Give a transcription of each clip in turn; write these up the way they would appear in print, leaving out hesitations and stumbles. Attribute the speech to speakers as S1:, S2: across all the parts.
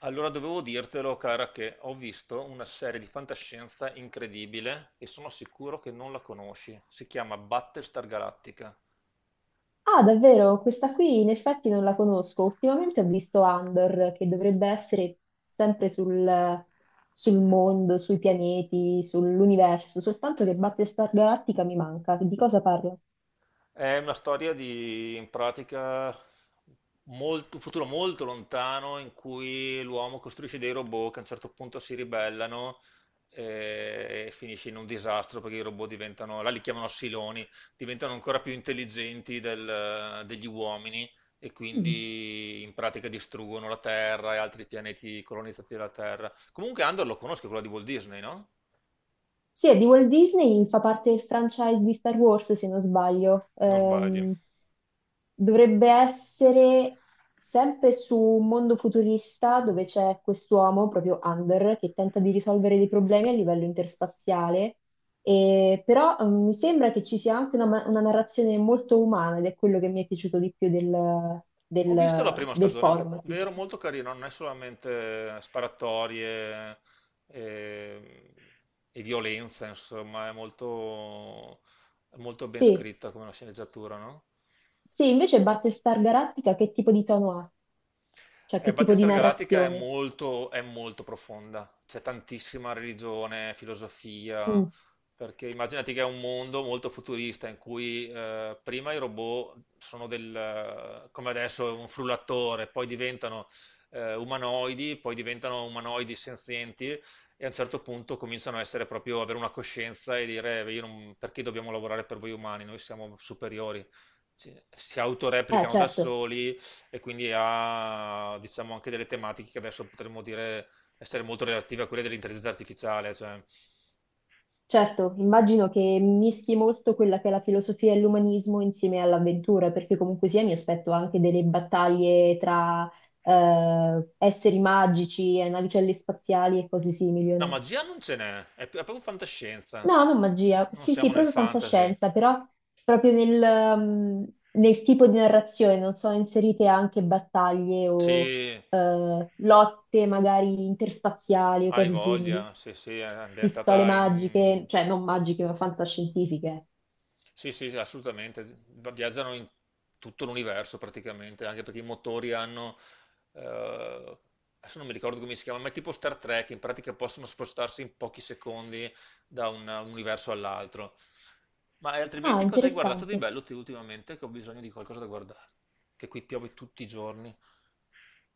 S1: Allora dovevo dirtelo, cara, che ho visto una serie di fantascienza incredibile e sono sicuro che non la conosci. Si chiama Battlestar Galactica.
S2: Ah, davvero? Questa qui in effetti non la conosco. Ultimamente ho visto Andor, che dovrebbe essere sempre sul mondo, sui pianeti, sull'universo, soltanto che Battlestar Galactica mi manca. Di cosa parla?
S1: È una storia di, in pratica, un futuro molto lontano in cui l'uomo costruisce dei robot che a un certo punto si ribellano e finisce in un disastro perché i robot diventano, là li chiamano siloni, diventano ancora più intelligenti degli uomini e
S2: Mm.
S1: quindi in pratica distruggono la Terra e altri pianeti colonizzati dalla Terra. Comunque Andor lo conosco, quello di Walt Disney, no?
S2: Sì, è di Walt Disney, fa parte del franchise di Star Wars, se non sbaglio.
S1: Non sbagli.
S2: Dovrebbe essere sempre su un mondo futurista dove c'è quest'uomo, proprio Under, che tenta di risolvere dei problemi a livello interspaziale. E, però mi sembra che ci sia anche una, una narrazione molto umana ed è quello che mi è piaciuto di più
S1: Ho visto la prima
S2: del
S1: stagione,
S2: format,
S1: vero,
S2: diciamo.
S1: molto carino, non è solamente sparatorie e, e violenza, insomma, è molto ben
S2: Sì.
S1: scritta come una sceneggiatura, no?
S2: Sì, invece Battlestar Galactica che tipo di tono ha? Cioè
S1: Eh,
S2: che tipo di
S1: Battista Galattica
S2: narrazione?
S1: è molto profonda, c'è tantissima religione, filosofia,
S2: Mm.
S1: perché immaginati che è un mondo molto futurista in cui prima i robot sono come adesso un frullatore, poi diventano umanoidi, poi diventano umanoidi senzienti e a un certo punto cominciano a essere proprio, avere una coscienza e dire "Io non- perché dobbiamo lavorare per voi umani, noi siamo superiori. Si autoreplicano da
S2: Certo,
S1: soli e quindi ha diciamo anche delle tematiche che adesso potremmo dire essere molto relative a quelle dell'intelligenza artificiale, cioè.
S2: certo, immagino che mischi molto quella che è la filosofia e l'umanismo insieme all'avventura, perché comunque sia mi aspetto anche delle battaglie tra esseri magici e navicelle spaziali e cose simili, o
S1: No,
S2: no?
S1: magia non ce n'è, è proprio fantascienza.
S2: No, non
S1: No-
S2: magia,
S1: non
S2: sì, sì,
S1: siamo nel
S2: proprio
S1: fantasy.
S2: fantascienza, però proprio nel, mm, nel tipo di narrazione non sono inserite anche battaglie o
S1: Sì,
S2: lotte magari interspaziali o
S1: hai
S2: cose simili.
S1: voglia, sì, sì, è
S2: Pistole
S1: ambientata
S2: magiche,
S1: in.
S2: cioè non magiche, ma fantascientifiche.
S1: Sì, sì, sì, assolutamente. Viaggiano in tutto l'universo praticamente, anche perché i motori hanno, eh, adesso non mi ricordo come si chiama, ma è tipo Star Trek, in pratica possono spostarsi in pochi secondi da un universo all'altro. Ma
S2: Ah,
S1: altrimenti cosa hai guardato di
S2: interessante.
S1: bello te ultimamente? Che ho bisogno di qualcosa da guardare, che qui piove tutti i giorni.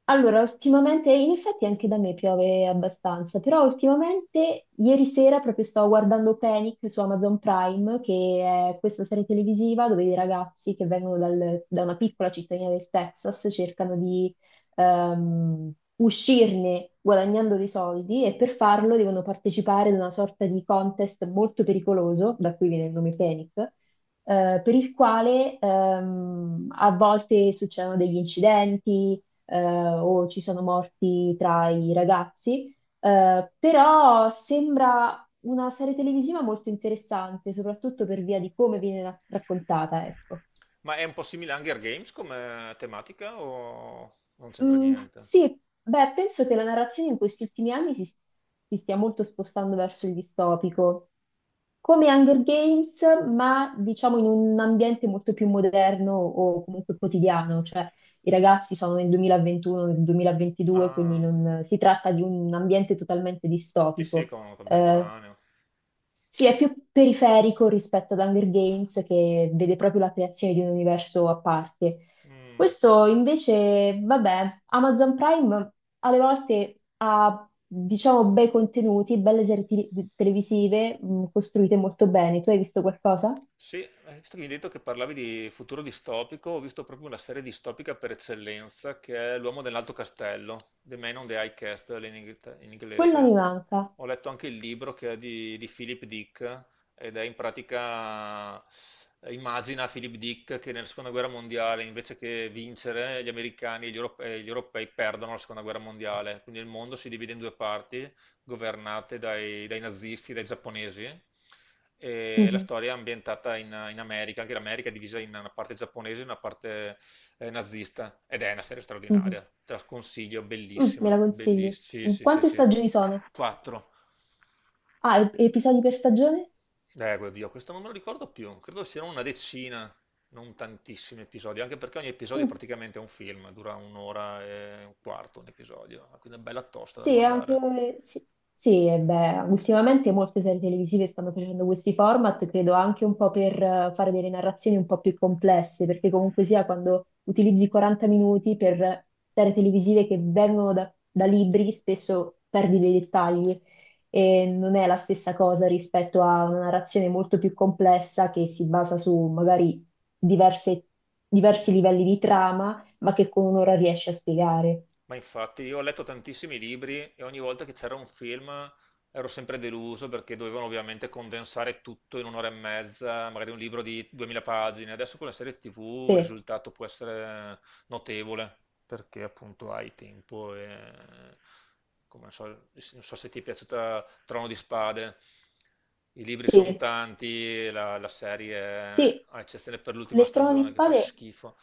S2: Allora, ultimamente, in effetti anche da me piove abbastanza, però ultimamente, ieri sera proprio stavo guardando Panic su Amazon Prime, che è questa serie televisiva dove i ragazzi che vengono da una piccola cittadina del Texas cercano di uscirne guadagnando dei soldi e per farlo devono partecipare ad una sorta di contest molto pericoloso, da cui viene il nome Panic, per il quale a volte succedono degli incidenti, eh, o ci sono morti tra i ragazzi. Però sembra una serie televisiva molto interessante, soprattutto per via di come viene raccontata, ecco.
S1: Ma è un po' simile a Hunger Games come tematica o non c'entra
S2: Mm,
S1: niente?
S2: sì, beh, penso che la narrazione in questi ultimi anni si stia molto spostando verso il distopico. Come Hunger Games, ma diciamo in un ambiente molto più moderno o comunque quotidiano, cioè i ragazzi sono nel 2021, nel 2022, quindi
S1: Ah,
S2: non si tratta di un ambiente totalmente
S1: sì, sì,
S2: distopico. Eh,
S1: contemporaneo.
S2: sì, è più periferico rispetto ad Hunger Games che vede proprio la creazione di un universo a parte.
S1: Mm.
S2: Questo invece, vabbè, Amazon Prime alle volte ha, diciamo, bei contenuti, belle serie televisive, costruite molto bene. Tu hai visto qualcosa?
S1: Sì, visto che mi hai detto che parlavi di futuro distopico, ho visto proprio una serie distopica per eccellenza che è L'uomo nell'alto castello, The Man on the High Castle in
S2: Quella mi
S1: inglese.
S2: manca.
S1: Ho letto anche il libro che è di Philip Dick ed è in pratica, immagina Philip Dick che nella seconda guerra mondiale invece che vincere gli americani e gli europei perdono la seconda guerra mondiale, quindi il mondo si divide in due parti governate dai nazisti, dai giapponesi. E la
S2: Mhm,
S1: storia è ambientata in America, anche l'America è divisa in una parte giapponese e una parte nazista. Ed è una serie
S2: mhm.
S1: straordinaria, te la consiglio,
S2: Mm, me
S1: bellissima,
S2: la consigli?
S1: bellissima. Sì,
S2: Mm,
S1: sì, sì,
S2: quante
S1: sì.
S2: stagioni sono?
S1: Quattro.
S2: Ah, episodi per stagione?
S1: Oddio, questo non me lo ricordo più. Credo siano una decina, non tantissimi episodi, anche perché ogni episodio è
S2: Mm,
S1: praticamente un film, dura un'ora e un quarto un episodio, quindi è bella tosta da
S2: sì, anche,
S1: guardare.
S2: sì, sì, e beh, ultimamente molte serie televisive stanno facendo questi format, credo anche un po' per fare delle narrazioni un po' più complesse, perché comunque sia quando utilizzi 40 minuti per serie televisive che vengono da libri, spesso perdi dei dettagli e non è la stessa cosa rispetto a una narrazione molto più complessa che si basa su magari diverse- diversi livelli di trama, ma che con un'ora riesci a spiegare.
S1: Ma infatti io ho letto tantissimi libri e ogni volta che c'era un film ero sempre deluso perché dovevano ovviamente condensare tutto in un'ora e mezza, magari un libro di 2000 pagine. Adesso con la serie TV il
S2: Sì.
S1: risultato può essere notevole perché appunto hai tempo e come non so, non so se ti è piaciuta Trono di Spade. I libri sono
S2: Sì,
S1: tanti, la serie,
S2: sì,
S1: a eccezione per l'ultima
S2: nel Trono di
S1: stagione che fa
S2: Spade,
S1: schifo.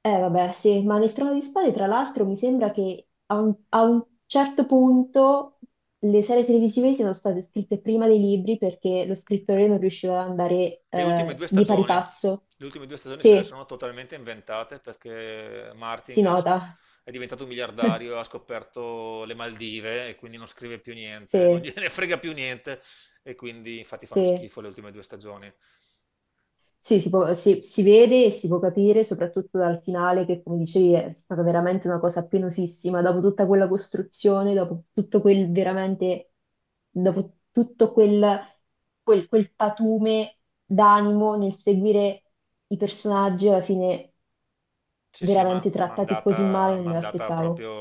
S2: eh vabbè, sì, ma nel Trono di Spade, tra l'altro, mi sembra che a un certo punto le serie televisive siano state scritte prima dei libri perché lo scrittore non riusciva ad andare
S1: Le ultime due
S2: di pari
S1: stagioni,
S2: passo.
S1: le ultime due stagioni se le
S2: Sì,
S1: sono totalmente inventate perché
S2: si
S1: Martin
S2: nota.
S1: è diventato un miliardario, ha scoperto le Maldive e quindi non scrive più niente, non
S2: Sì,
S1: gliene frega più niente e quindi infatti fanno
S2: sì.
S1: schifo le ultime due stagioni.
S2: Sì, si vede e si può capire, soprattutto dal finale, che come dicevi è stata veramente una cosa penosissima, dopo tutta quella costruzione, dopo tutto quel veramente, dopo tutto quel, quel patume d'animo nel seguire i personaggi, alla fine
S1: Sì, sì, ma
S2: veramente
S1: ma è
S2: trattati così
S1: andata
S2: male, non
S1: ma è
S2: me
S1: andata
S2: l'aspettavo.
S1: proprio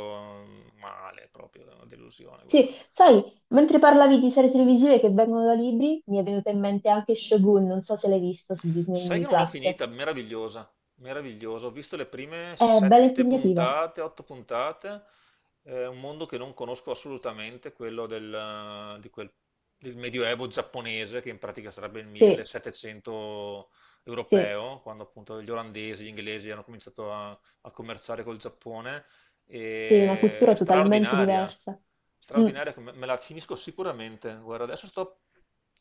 S1: male, proprio una delusione,
S2: Sì,
S1: guarda.
S2: sai, mentre parlavi di serie televisive che vengono da libri, mi è venuta in mente anche Shogun, non so se l'hai vista su
S1: Sai che
S2: Disney
S1: non l'ho
S2: Plus.
S1: finita, meravigliosa, meravigliosa. Ho visto le prime
S2: È bella
S1: sette
S2: impegnativa.
S1: puntate, otto puntate, è un mondo che non conosco assolutamente, quello del Medioevo giapponese, che in pratica sarebbe il
S2: Sì,
S1: 1700
S2: sì,
S1: europeo, quando appunto gli olandesi, gli inglesi hanno cominciato a commerciare col Giappone.
S2: sì, una
S1: E
S2: cultura totalmente
S1: straordinaria,
S2: diversa. Mm.
S1: straordinaria, che me la finisco sicuramente. Guarda, adesso sto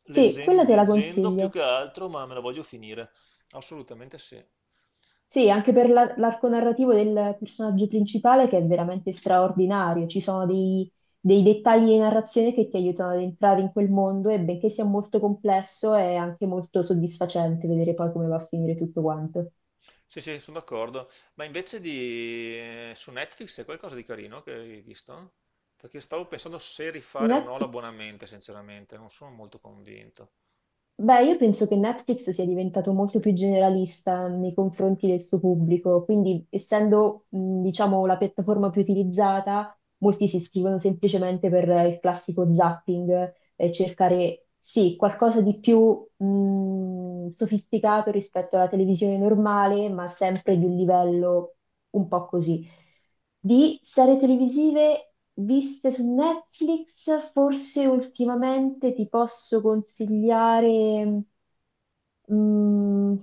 S2: Sì, quella te la
S1: leggendo più
S2: consiglio.
S1: che altro, ma me la voglio finire. Assolutamente sì.
S2: Sì, anche per l'arco narrativo del personaggio principale che è veramente straordinario. Ci sono dei dettagli di narrazione che ti aiutano ad entrare in quel mondo e benché sia molto complesso è anche molto soddisfacente vedere poi come va a finire tutto quanto.
S1: Sì, sì, sono d'accordo. Ma invece su Netflix c'è qualcosa di carino che hai visto? Perché stavo pensando se
S2: Su
S1: rifare o no
S2: Netflix?
S1: l'abbonamento, sinceramente, non sono molto convinto.
S2: Beh, io penso che Netflix sia diventato molto più generalista nei confronti del suo pubblico, quindi essendo, diciamo, la piattaforma più utilizzata molti si iscrivono semplicemente per il classico zapping e cercare, sì, qualcosa di più sofisticato rispetto alla televisione normale, ma sempre di un livello un po' così. Di serie televisive viste su Netflix, forse ultimamente ti posso consigliare. Mm,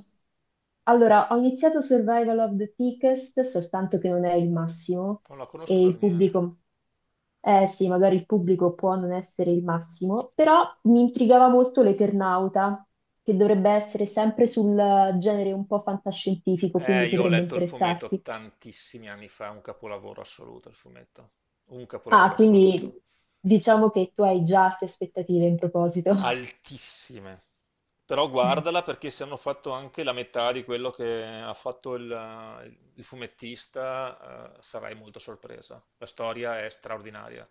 S2: allora, ho iniziato Survival of the Thickest, soltanto che non è il massimo
S1: Non la conosco
S2: e
S1: per
S2: il
S1: niente.
S2: pubblico, eh sì, magari il pubblico può non essere il massimo, però mi intrigava molto l'Eternauta, che dovrebbe essere sempre sul genere un po' fantascientifico, quindi
S1: Io ho
S2: potrebbe
S1: letto il fumetto
S2: interessarti.
S1: tantissimi anni fa, un capolavoro assoluto il fumetto, un capolavoro
S2: Ah, quindi
S1: assoluto.
S2: diciamo che tu hai già altre aspettative in proposito.
S1: Altissime. Però guardala perché se hanno fatto anche la metà di quello che ha fatto il fumettista, sarai molto sorpresa. La storia è straordinaria.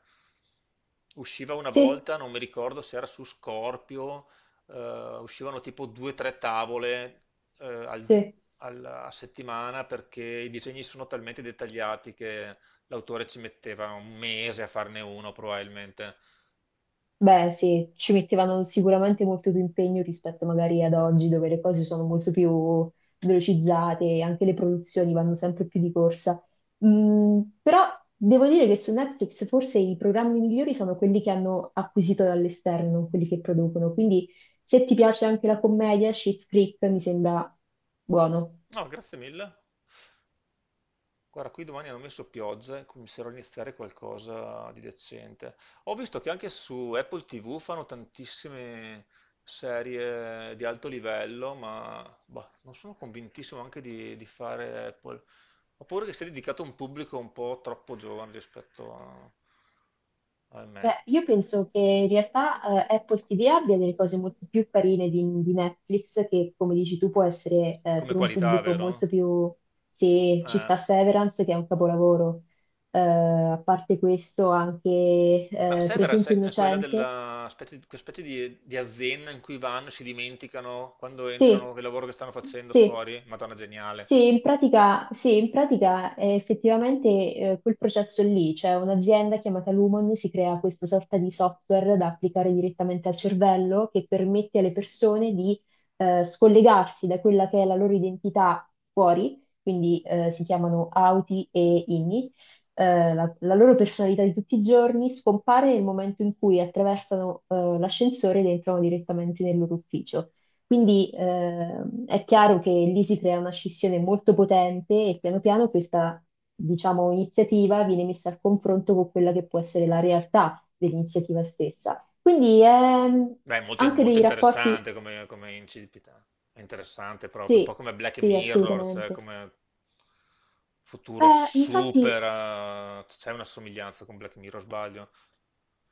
S1: Usciva una
S2: Sì,
S1: volta, non mi ricordo se era su Scorpio, uscivano tipo due o tre tavole eh, al-
S2: sì.
S1: a settimana perché i disegni sono talmente dettagliati che l'autore ci metteva un mese a farne uno probabilmente.
S2: Beh, sì, ci mettevano sicuramente molto più impegno rispetto magari ad oggi, dove le cose sono molto più velocizzate e anche le produzioni vanno sempre più di corsa. Mm, però devo dire che su Netflix forse i programmi migliori sono quelli che hanno acquisito dall'esterno, non quelli che producono. Quindi se ti piace anche la commedia, Schitt's Creek mi sembra buono.
S1: No, grazie mille. Guarda, qui domani hanno messo pioggia e comincerò a iniziare qualcosa di decente. Ho visto che anche su Apple TV fanno tantissime serie di alto livello, ma boh, non sono convintissimo anche di fare Apple. Ho paura che sia dedicato a un pubblico un po' troppo giovane rispetto a me,
S2: Beh, io penso che in realtà Apple TV abbia delle cose molto più carine di Netflix, che come dici tu può essere
S1: come
S2: per un
S1: qualità,
S2: pubblico molto
S1: vero?
S2: più... Se ci
S1: Eh.
S2: sta Severance, che è un capolavoro, a parte questo anche
S1: Ma
S2: Presunto
S1: Severance è quella
S2: Innocente.
S1: della specie, quella specie di azienda in cui vanno, si dimenticano quando entrano
S2: Sì,
S1: che lavoro che stanno facendo
S2: sì.
S1: fuori. Madonna, geniale.
S2: Sì, in pratica effettivamente quel processo lì, cioè un'azienda chiamata Lumon si crea questa sorta di software da applicare direttamente al cervello che permette alle persone di scollegarsi da quella che è la loro identità fuori, quindi si chiamano auti e inni. La loro personalità di tutti i giorni scompare nel momento in cui attraversano l'ascensore ed entrano direttamente nel loro ufficio. Quindi è chiaro che lì si crea una scissione molto potente e piano piano questa, diciamo, iniziativa viene messa al confronto con quella che può essere la realtà dell'iniziativa stessa. Quindi
S1: Beh, è molto,
S2: anche
S1: molto
S2: dei rapporti,
S1: interessante come incipita. È interessante proprio, un po'
S2: sì,
S1: come Black
S2: sì,
S1: Mirror, cioè
S2: assolutamente.
S1: come futuro
S2: Infatti
S1: super. C'è una somiglianza con Black Mirror, sbaglio.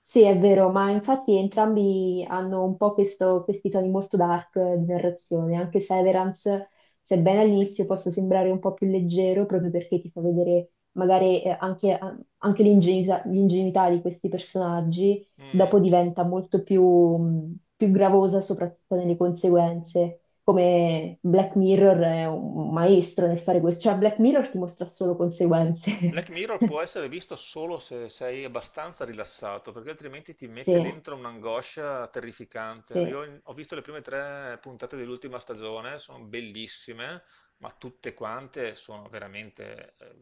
S2: sì, è vero, ma infatti entrambi hanno un po' questi toni molto dark di narrazione, anche se Severance, sebbene all'inizio possa sembrare un po' più leggero, proprio perché ti fa vedere magari anche, anche l'ingenuità di questi personaggi,
S1: Mm.
S2: dopo diventa molto più, più gravosa, soprattutto nelle conseguenze. Come Black Mirror è un maestro nel fare questo, cioè Black Mirror ti mostra solo conseguenze.
S1: Black Mirror può essere visto solo se sei abbastanza rilassato, perché altrimenti ti mette
S2: Sì,
S1: dentro un'angoscia
S2: sì,
S1: terrificante. Io ho visto le prime tre puntate dell'ultima stagione, sono bellissime, ma tutte quante sono veramente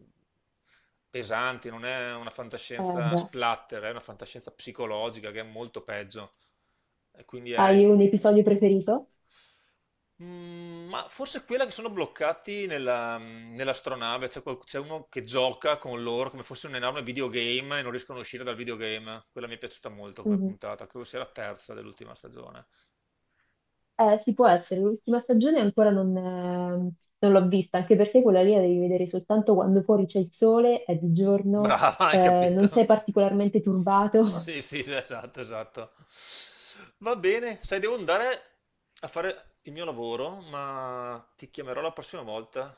S1: pesanti, non è una fantascienza
S2: beh.
S1: splatter, è una fantascienza psicologica che è molto peggio. E quindi
S2: Hai
S1: è.
S2: un episodio preferito?
S1: Ma forse quella che sono bloccati nell'astronave, c'è uno che gioca con loro come fosse un enorme videogame e non riescono a uscire dal videogame. Quella mi è piaciuta molto come
S2: Mhm.
S1: puntata, credo sia la terza dell'ultima stagione.
S2: Sì, può essere. L'ultima stagione ancora non l'ho vista, anche perché quella lì la devi vedere soltanto quando fuori c'è il sole, è di giorno,
S1: Brava, hai capito?
S2: non sei particolarmente turbato.
S1: Sì, sì, sì, esatto, esatto. Va bene, sai, devo andare a fare il mio lavoro, ma ti chiamerò la prossima volta,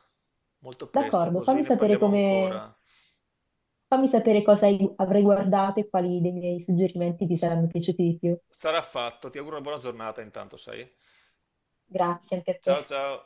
S1: molto presto,
S2: D'accordo,
S1: così
S2: fammi
S1: ne
S2: sapere
S1: parliamo
S2: come,
S1: ancora.
S2: fammi sapere cosa avrai guardato e quali dei miei suggerimenti ti
S1: S-
S2: saranno piaciuti di più.
S1: Sarà fatto, ti auguro una buona giornata intanto, sai?
S2: Grazie anche a te.
S1: Ciao ciao.